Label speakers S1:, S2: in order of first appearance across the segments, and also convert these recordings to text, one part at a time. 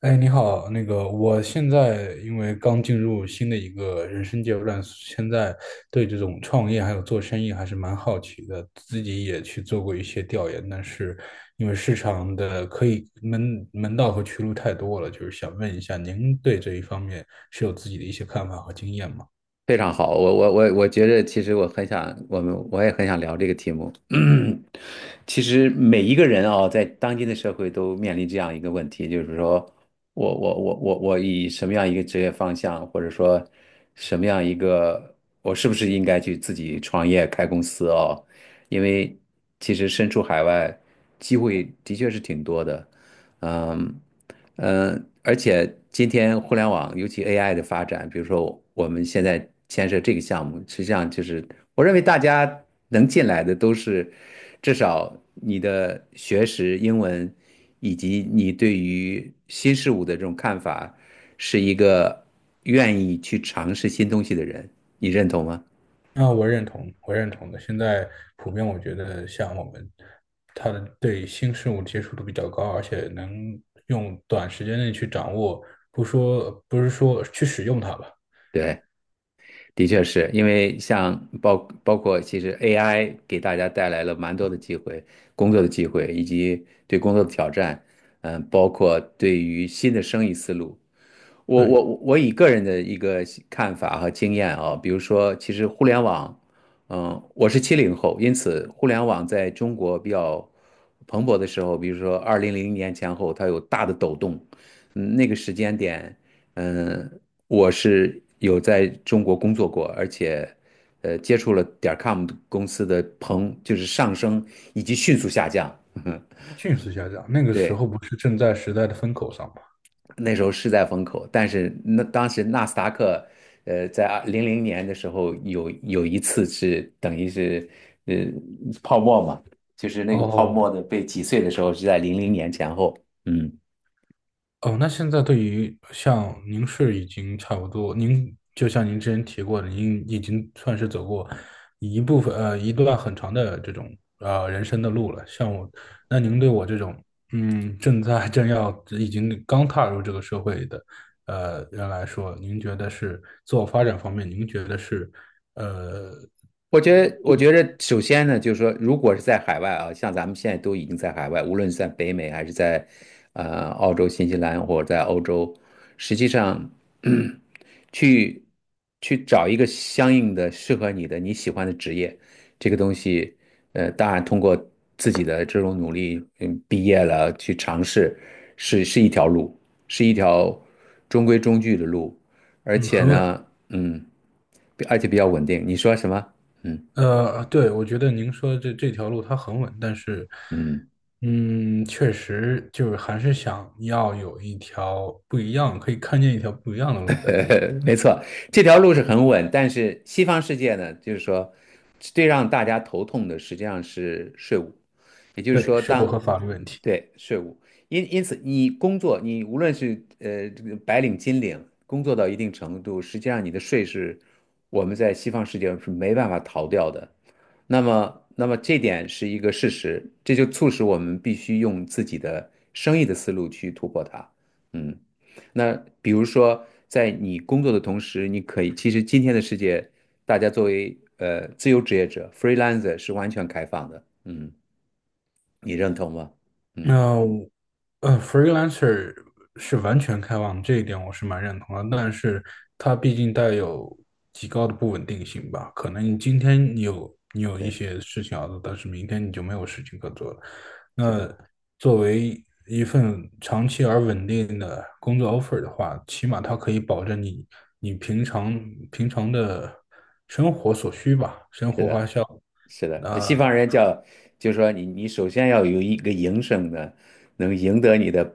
S1: 哎，你好，那个，我现在因为刚进入新的一个人生阶段，现在对这种创业还有做生意还是蛮好奇的，自己也去做过一些调研，但是因为市场的可以门道和渠路太多了，就是想问一下，您对这一方面是有自己的一些看法和经验吗？
S2: 非常好，我觉得，其实我很想，我也很想聊这个题目。其实每一个人啊、在当今的社会都面临这样一个问题，就是说我以什么样一个职业方向，或者说什么样一个，我是不是应该去自己创业开公司哦？因为其实身处海外，机会的确是挺多的，嗯。而且今天互联网，尤其 AI 的发展，比如说我们现在牵涉这个项目，实际上就是我认为大家能进来的都是至少你的学识、英文以及你对于新事物的这种看法，是一个愿意去尝试新东西的人，你认同吗？
S1: 那我认同，我认同的。现在普遍我觉得，像我们，他的对新事物接触度比较高，而且能用短时间内去掌握，不是说去使用它吧。
S2: 对。的确是因为像包括其实 AI 给大家带来了蛮多的机会，工作的机会以及对工作的挑战，包括对于新的生意思路，我
S1: 对，
S2: 我我以个人的一个看法和经验啊，比如说，其实互联网，我是70后，因此互联网在中国比较蓬勃的时候，比如说2000年前后，它有大的抖动，那个时间点，嗯，我是有在中国工作过，而且，接触了点 com 公司的蓬，就是上升以及迅速下降，
S1: 迅速下降。那 个时
S2: 对。
S1: 候不是正在时代的风口上吗？
S2: 那时候是在风口，但是那当时纳斯达克，在零零年的时候有一次是等于是呃泡沫嘛，就是那个泡
S1: 哦。
S2: 沫的被挤碎的时候是在零零年前后，嗯。
S1: 哦，那现在对于像您是已经差不多，您就像您之前提过的，您已经算是走过一部分呃一段很长的这种人生的路了。像我，那您对我这种嗯正在正要已经刚踏入这个社会的人来说，您觉得是自我发展方面，您觉得是呃
S2: 我觉得，我觉得首先呢，就是说，如果是在海外啊，像咱们现在都已经在海外，无论是在北美还是在澳洲、新西兰或者在欧洲，实际上 去去找一个相应的适合你的你喜欢的职业，这个东西，当然通过自己的这种努力，毕业了去尝试，是一条路，是一条中规中矩的路，而
S1: 嗯
S2: 且
S1: 很稳。
S2: 呢，嗯，而且比较稳定。你说什么？嗯。
S1: 对，我觉得您说的这条路它很稳，但是，
S2: 嗯，
S1: 嗯，确实就是还是想要有一条不一样，可以看见一条不一样的路在自己。
S2: 没错，这条路是很稳，但是西方世界呢，就是说，最让大家头痛的实际上是税务，也就是
S1: 对，
S2: 说
S1: 是否和
S2: 当，
S1: 法律问题。
S2: 对，税务，因此你工作，你无论是这个白领、金领，工作到一定程度，实际上你的税是我们在西方世界是没办法逃掉的。那么这点是一个事实，这就促使我们必须用自己的生意的思路去突破它。嗯。那比如说，在你工作的同时，你可以，其实今天的世界，大家作为自由职业者 freelancer 是完全开放的，你认同吗？嗯，
S1: 那我freelancer 是完全开放，这一点我是蛮认同的，但是它毕竟带有极高的不稳定性吧。可能你今天你有一
S2: 对，
S1: 些事情要做，但是明天你就没有事情可做了。
S2: 是的，
S1: 那作为一份长期而稳定的工作 offer 的话，起码它可以保证你平常的生活所需吧，生
S2: 是
S1: 活花
S2: 的。
S1: 销。
S2: 是的，西方人叫，就是说你首先要有一个营生的，能赢得你的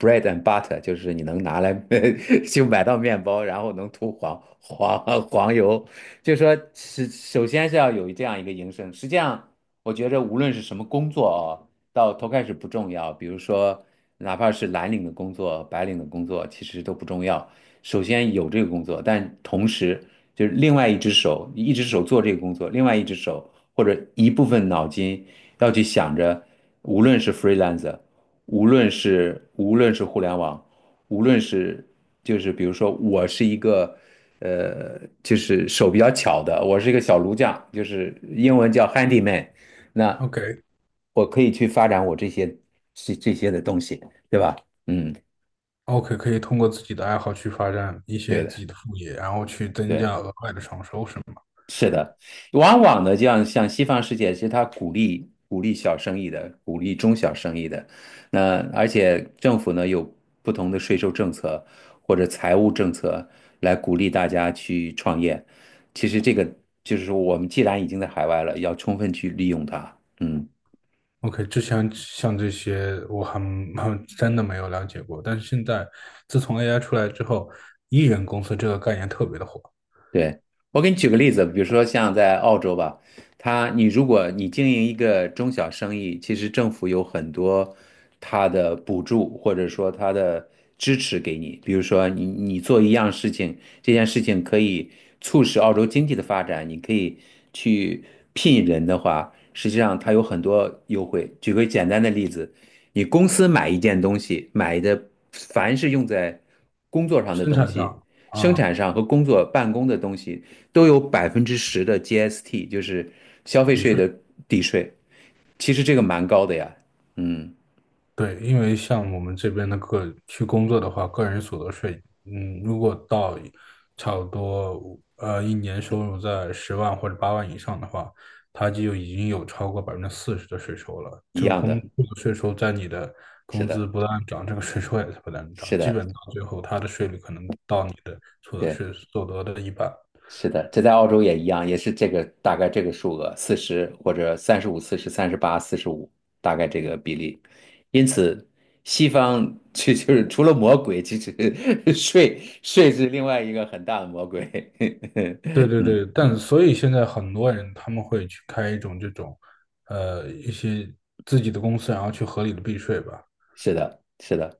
S2: bread and butter，就是你能拿来 就买到面包，然后能涂黄油，就是说是首先是要有这样一个营生。实际上，我觉着无论是什么工作哦，到头开始不重要，比如说哪怕是蓝领的工作、白领的工作，其实都不重要。首先有这个工作，但同时就是另外一只手，一只手做这个工作，另外一只手。或者一部分脑筋要去想着，无论是 freelancer，无论是互联网，无论是就是比如说我是一个就是手比较巧的，我是一个小炉匠，就是英文叫 handyman，那
S1: OK。
S2: 我可以去发展我这些的东西，对吧？嗯，
S1: OK，可以通过自己的爱好去发展一
S2: 对
S1: 些
S2: 的，
S1: 自己的副业，然后去增
S2: 对。
S1: 加额外的创收，是吗
S2: 往往呢，这样像西方世界，其实他鼓励小生意的，鼓励中小生意的。那而且政府呢有不同的税收政策或者财务政策来鼓励大家去创业。其实这个就是说，我们既然已经在海外了，要充分去利用它。嗯。
S1: ？OK，之前像这些我还真的没有了解过，但是现在自从 AI 出来之后，艺人公司这个概念特别的火。
S2: 对，我给你举个例子，比如说像在澳洲吧，你如果你经营一个中小生意，其实政府有很多它的补助或者说它的支持给你，比如说你做一样事情，这件事情可以促使澳洲经济的发展，你可以去聘人的话，实际上它有很多优惠。举个简单的例子，你公司买一件东西，买的凡是用在工作上的
S1: 生
S2: 东
S1: 产
S2: 西。
S1: 上
S2: 生
S1: 啊，
S2: 产上和工作办公的东西都有10%的 GST，就是消费
S1: 抵
S2: 税
S1: 税。
S2: 的抵税。其实这个蛮高的呀，嗯，
S1: 对，因为像我们这边的个去工作的话，个人所得税，嗯，如果到差不多一年收入在10万或者8万以上的话，它就已经有超过40%的税收了。
S2: 一
S1: 这个
S2: 样
S1: 工
S2: 的，
S1: 这个税收在你的
S2: 是
S1: 工资
S2: 的，
S1: 不断涨，这个税收也在不断涨，
S2: 是
S1: 基
S2: 的，
S1: 本到最后它的税率可能到你的所得
S2: 对，
S1: 税所得的一半。
S2: 是的，这在澳洲也一样，也是这个大概这个数额，40或者35、40、38、45，大概这个比例。因此，西方就是除了魔鬼，其实 税是另外一个很大的魔鬼。
S1: 对 对
S2: 嗯，
S1: 对，但所以现在很多人他们会去开一种这种，呃，一些自己的公司，然后去合理的避税吧。
S2: 是的，是的。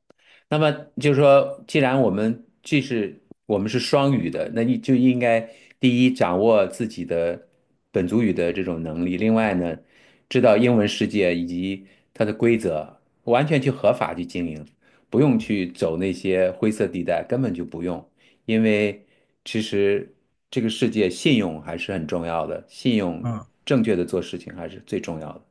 S2: 那么就是说，既然我们我们是双语的，那你就应该第一掌握自己的本族语的这种能力，另外呢，知道英文世界以及它的规则，完全去合法去经营，不用去走那些灰色地带，根本就不用，因为其实这个世界信用还是很重要的，信用
S1: 嗯。
S2: 正确的做事情还是最重要的。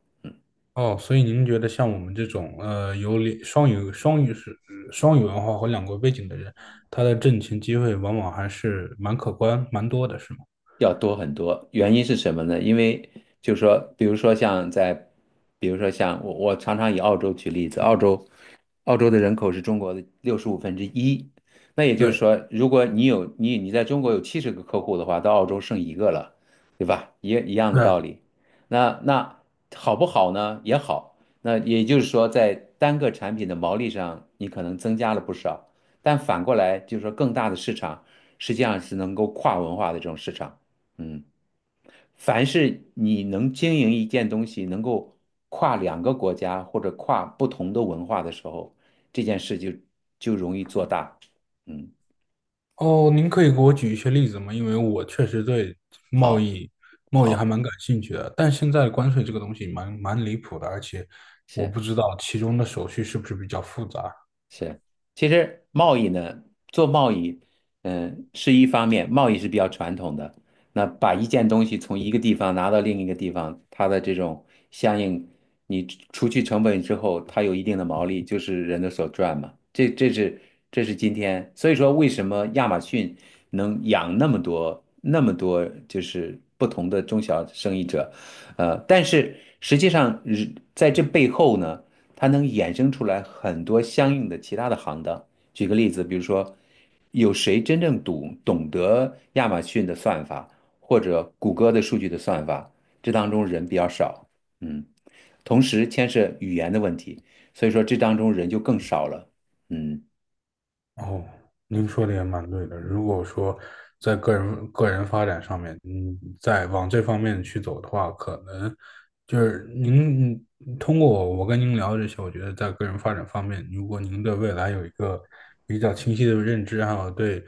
S1: 哦，所以您觉得像我们这种呃有两双语双语是双语文化和两国背景的人，他的挣钱机会往往还是蛮可观、蛮多的，是吗？
S2: 要多很多。原因是什么呢？因为就是说，比如说像在，比如说像我，我常常以澳洲举例子，澳洲，澳洲的人口是中国的1/65。那也就是
S1: 对。
S2: 说，如果你在中国有70个客户的话，到澳洲剩一个了，对吧？一样的
S1: 对
S2: 道
S1: 啊。
S2: 理。那好不好呢？也好。那也就是说，在单个产品的毛利上，你可能增加了不少，但反过来就是说，更大的市场实际上是能够跨文化的这种市场。嗯，凡是你能经营一件东西，能够跨两个国家或者跨不同的文化的时候，这件事就容易做大。嗯，
S1: 哦，您可以给我举一些例子吗？因为我确实对贸
S2: 好，
S1: 易贸易还
S2: 好，
S1: 蛮感兴趣的，但现在关税这个
S2: 嗯，
S1: 东西蛮离谱的，而且我
S2: 是。
S1: 不知道其中的手续是不是比较复杂。
S2: 是，其实贸易呢，做贸易，是一方面，贸易是比较传统的。那把一件东西从一个地方拿到另一个地方，它的这种相应，你除去成本之后，它有一定的毛利，就是人的所赚嘛。这是今天，所以说为什么亚马逊能养那么多就是不同的中小生意者，但是实际上在这背后呢。它能衍生出来很多相应的其他的行当。举个例子，比如说，有谁真正懂得亚马逊的算法，或者谷歌的数据的算法？这当中人比较少，嗯，同时牵涉语言的问题，所以说这当中人就更少了，嗯。
S1: 哦，您说的也蛮对的。如果说在个人发展上面，嗯，在往这方面去走的话，可能就是您通过我跟您聊这些，我觉得在个人发展方面，如果您对未来有一个比较清晰的认知，还有对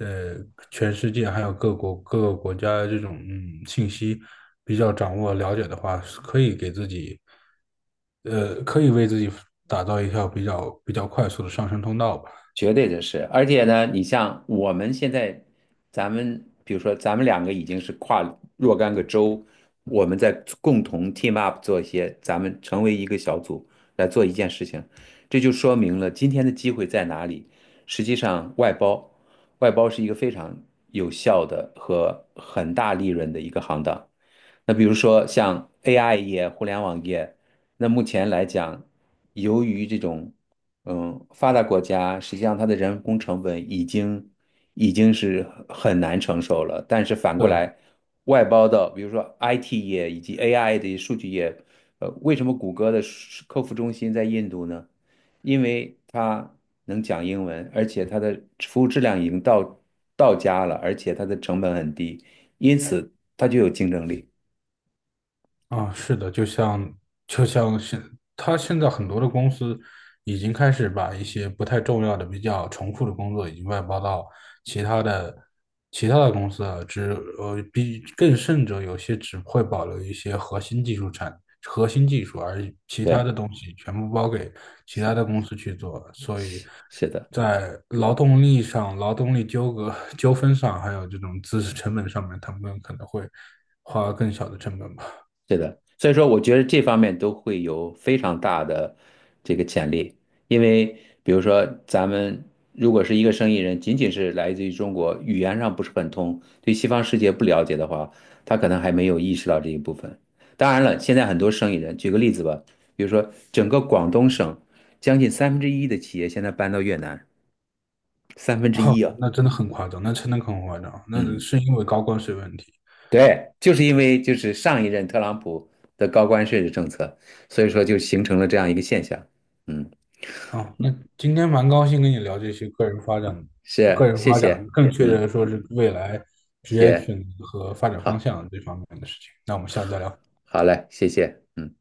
S1: 呃全世界还有各个国家这种信息比较掌握了解的话，是可以给自己呃可以为自己打造一条比较快速的上升通道吧。
S2: 绝对的是，而且呢，你像我们现在，咱们比如说，咱们两个已经是跨若干个州，我们在共同 team up 做一些，咱们成为一个小组来做一件事情，这就说明了今天的机会在哪里。实际上，外包是一个非常有效的和很大利润的一个行当。那比如说像 AI 业、互联网业，那目前来讲，由于这种发达国家，实际上它的人工成本已经是很难承受了。但是反过
S1: 对。
S2: 来，外包到比如说 IT 业以及 AI 的数据业，为什么谷歌的数客服中心在印度呢？因为它能讲英文，而且它的服务质量已经到家了，而且它的成本很低，因此它就有竞争力。
S1: 啊，是的，就像他现在很多的公司已经开始把一些不太重要的、比较重复的工作已经外包到其他的公司了，比更甚者，有些只会保留一些核心技术，而其他的
S2: 对，
S1: 东西全部包给其他的公司去做，所以
S2: 是的，
S1: 在劳动力上、劳动力纠葛 纠纷上，还有这种知识成本上面，他们可能会花更小的成本吧。
S2: 是的，所以说我觉得这方面都会有非常大的这个潜力，因为比如说咱们如果是一个生意人，仅仅是来自于中国，语言上不是很通，对西方世界不了解的话，他可能还没有意识到这一部分。当然了，现在很多生意人，举个例子吧，比如说整个广东省将近三分之一的企业现在搬到越南，三分 之
S1: 哦，
S2: 一啊，
S1: 那真的很夸张，那真的很夸张，那
S2: 嗯。
S1: 是因为高关税问题。
S2: 对，就是因为上一任特朗普的高关税的政策，所以说就形成了这样一个现象。嗯，
S1: 哦，那今天蛮高兴跟你聊这些个人发展、个
S2: 是，
S1: 人
S2: 谢
S1: 发展，
S2: 谢，
S1: 更确切
S2: 嗯，
S1: 的说是未来职业
S2: 谢，
S1: 选择和发展方
S2: 好，
S1: 向这方面的事情。那我们下次再聊。
S2: 好嘞，谢谢。嗯。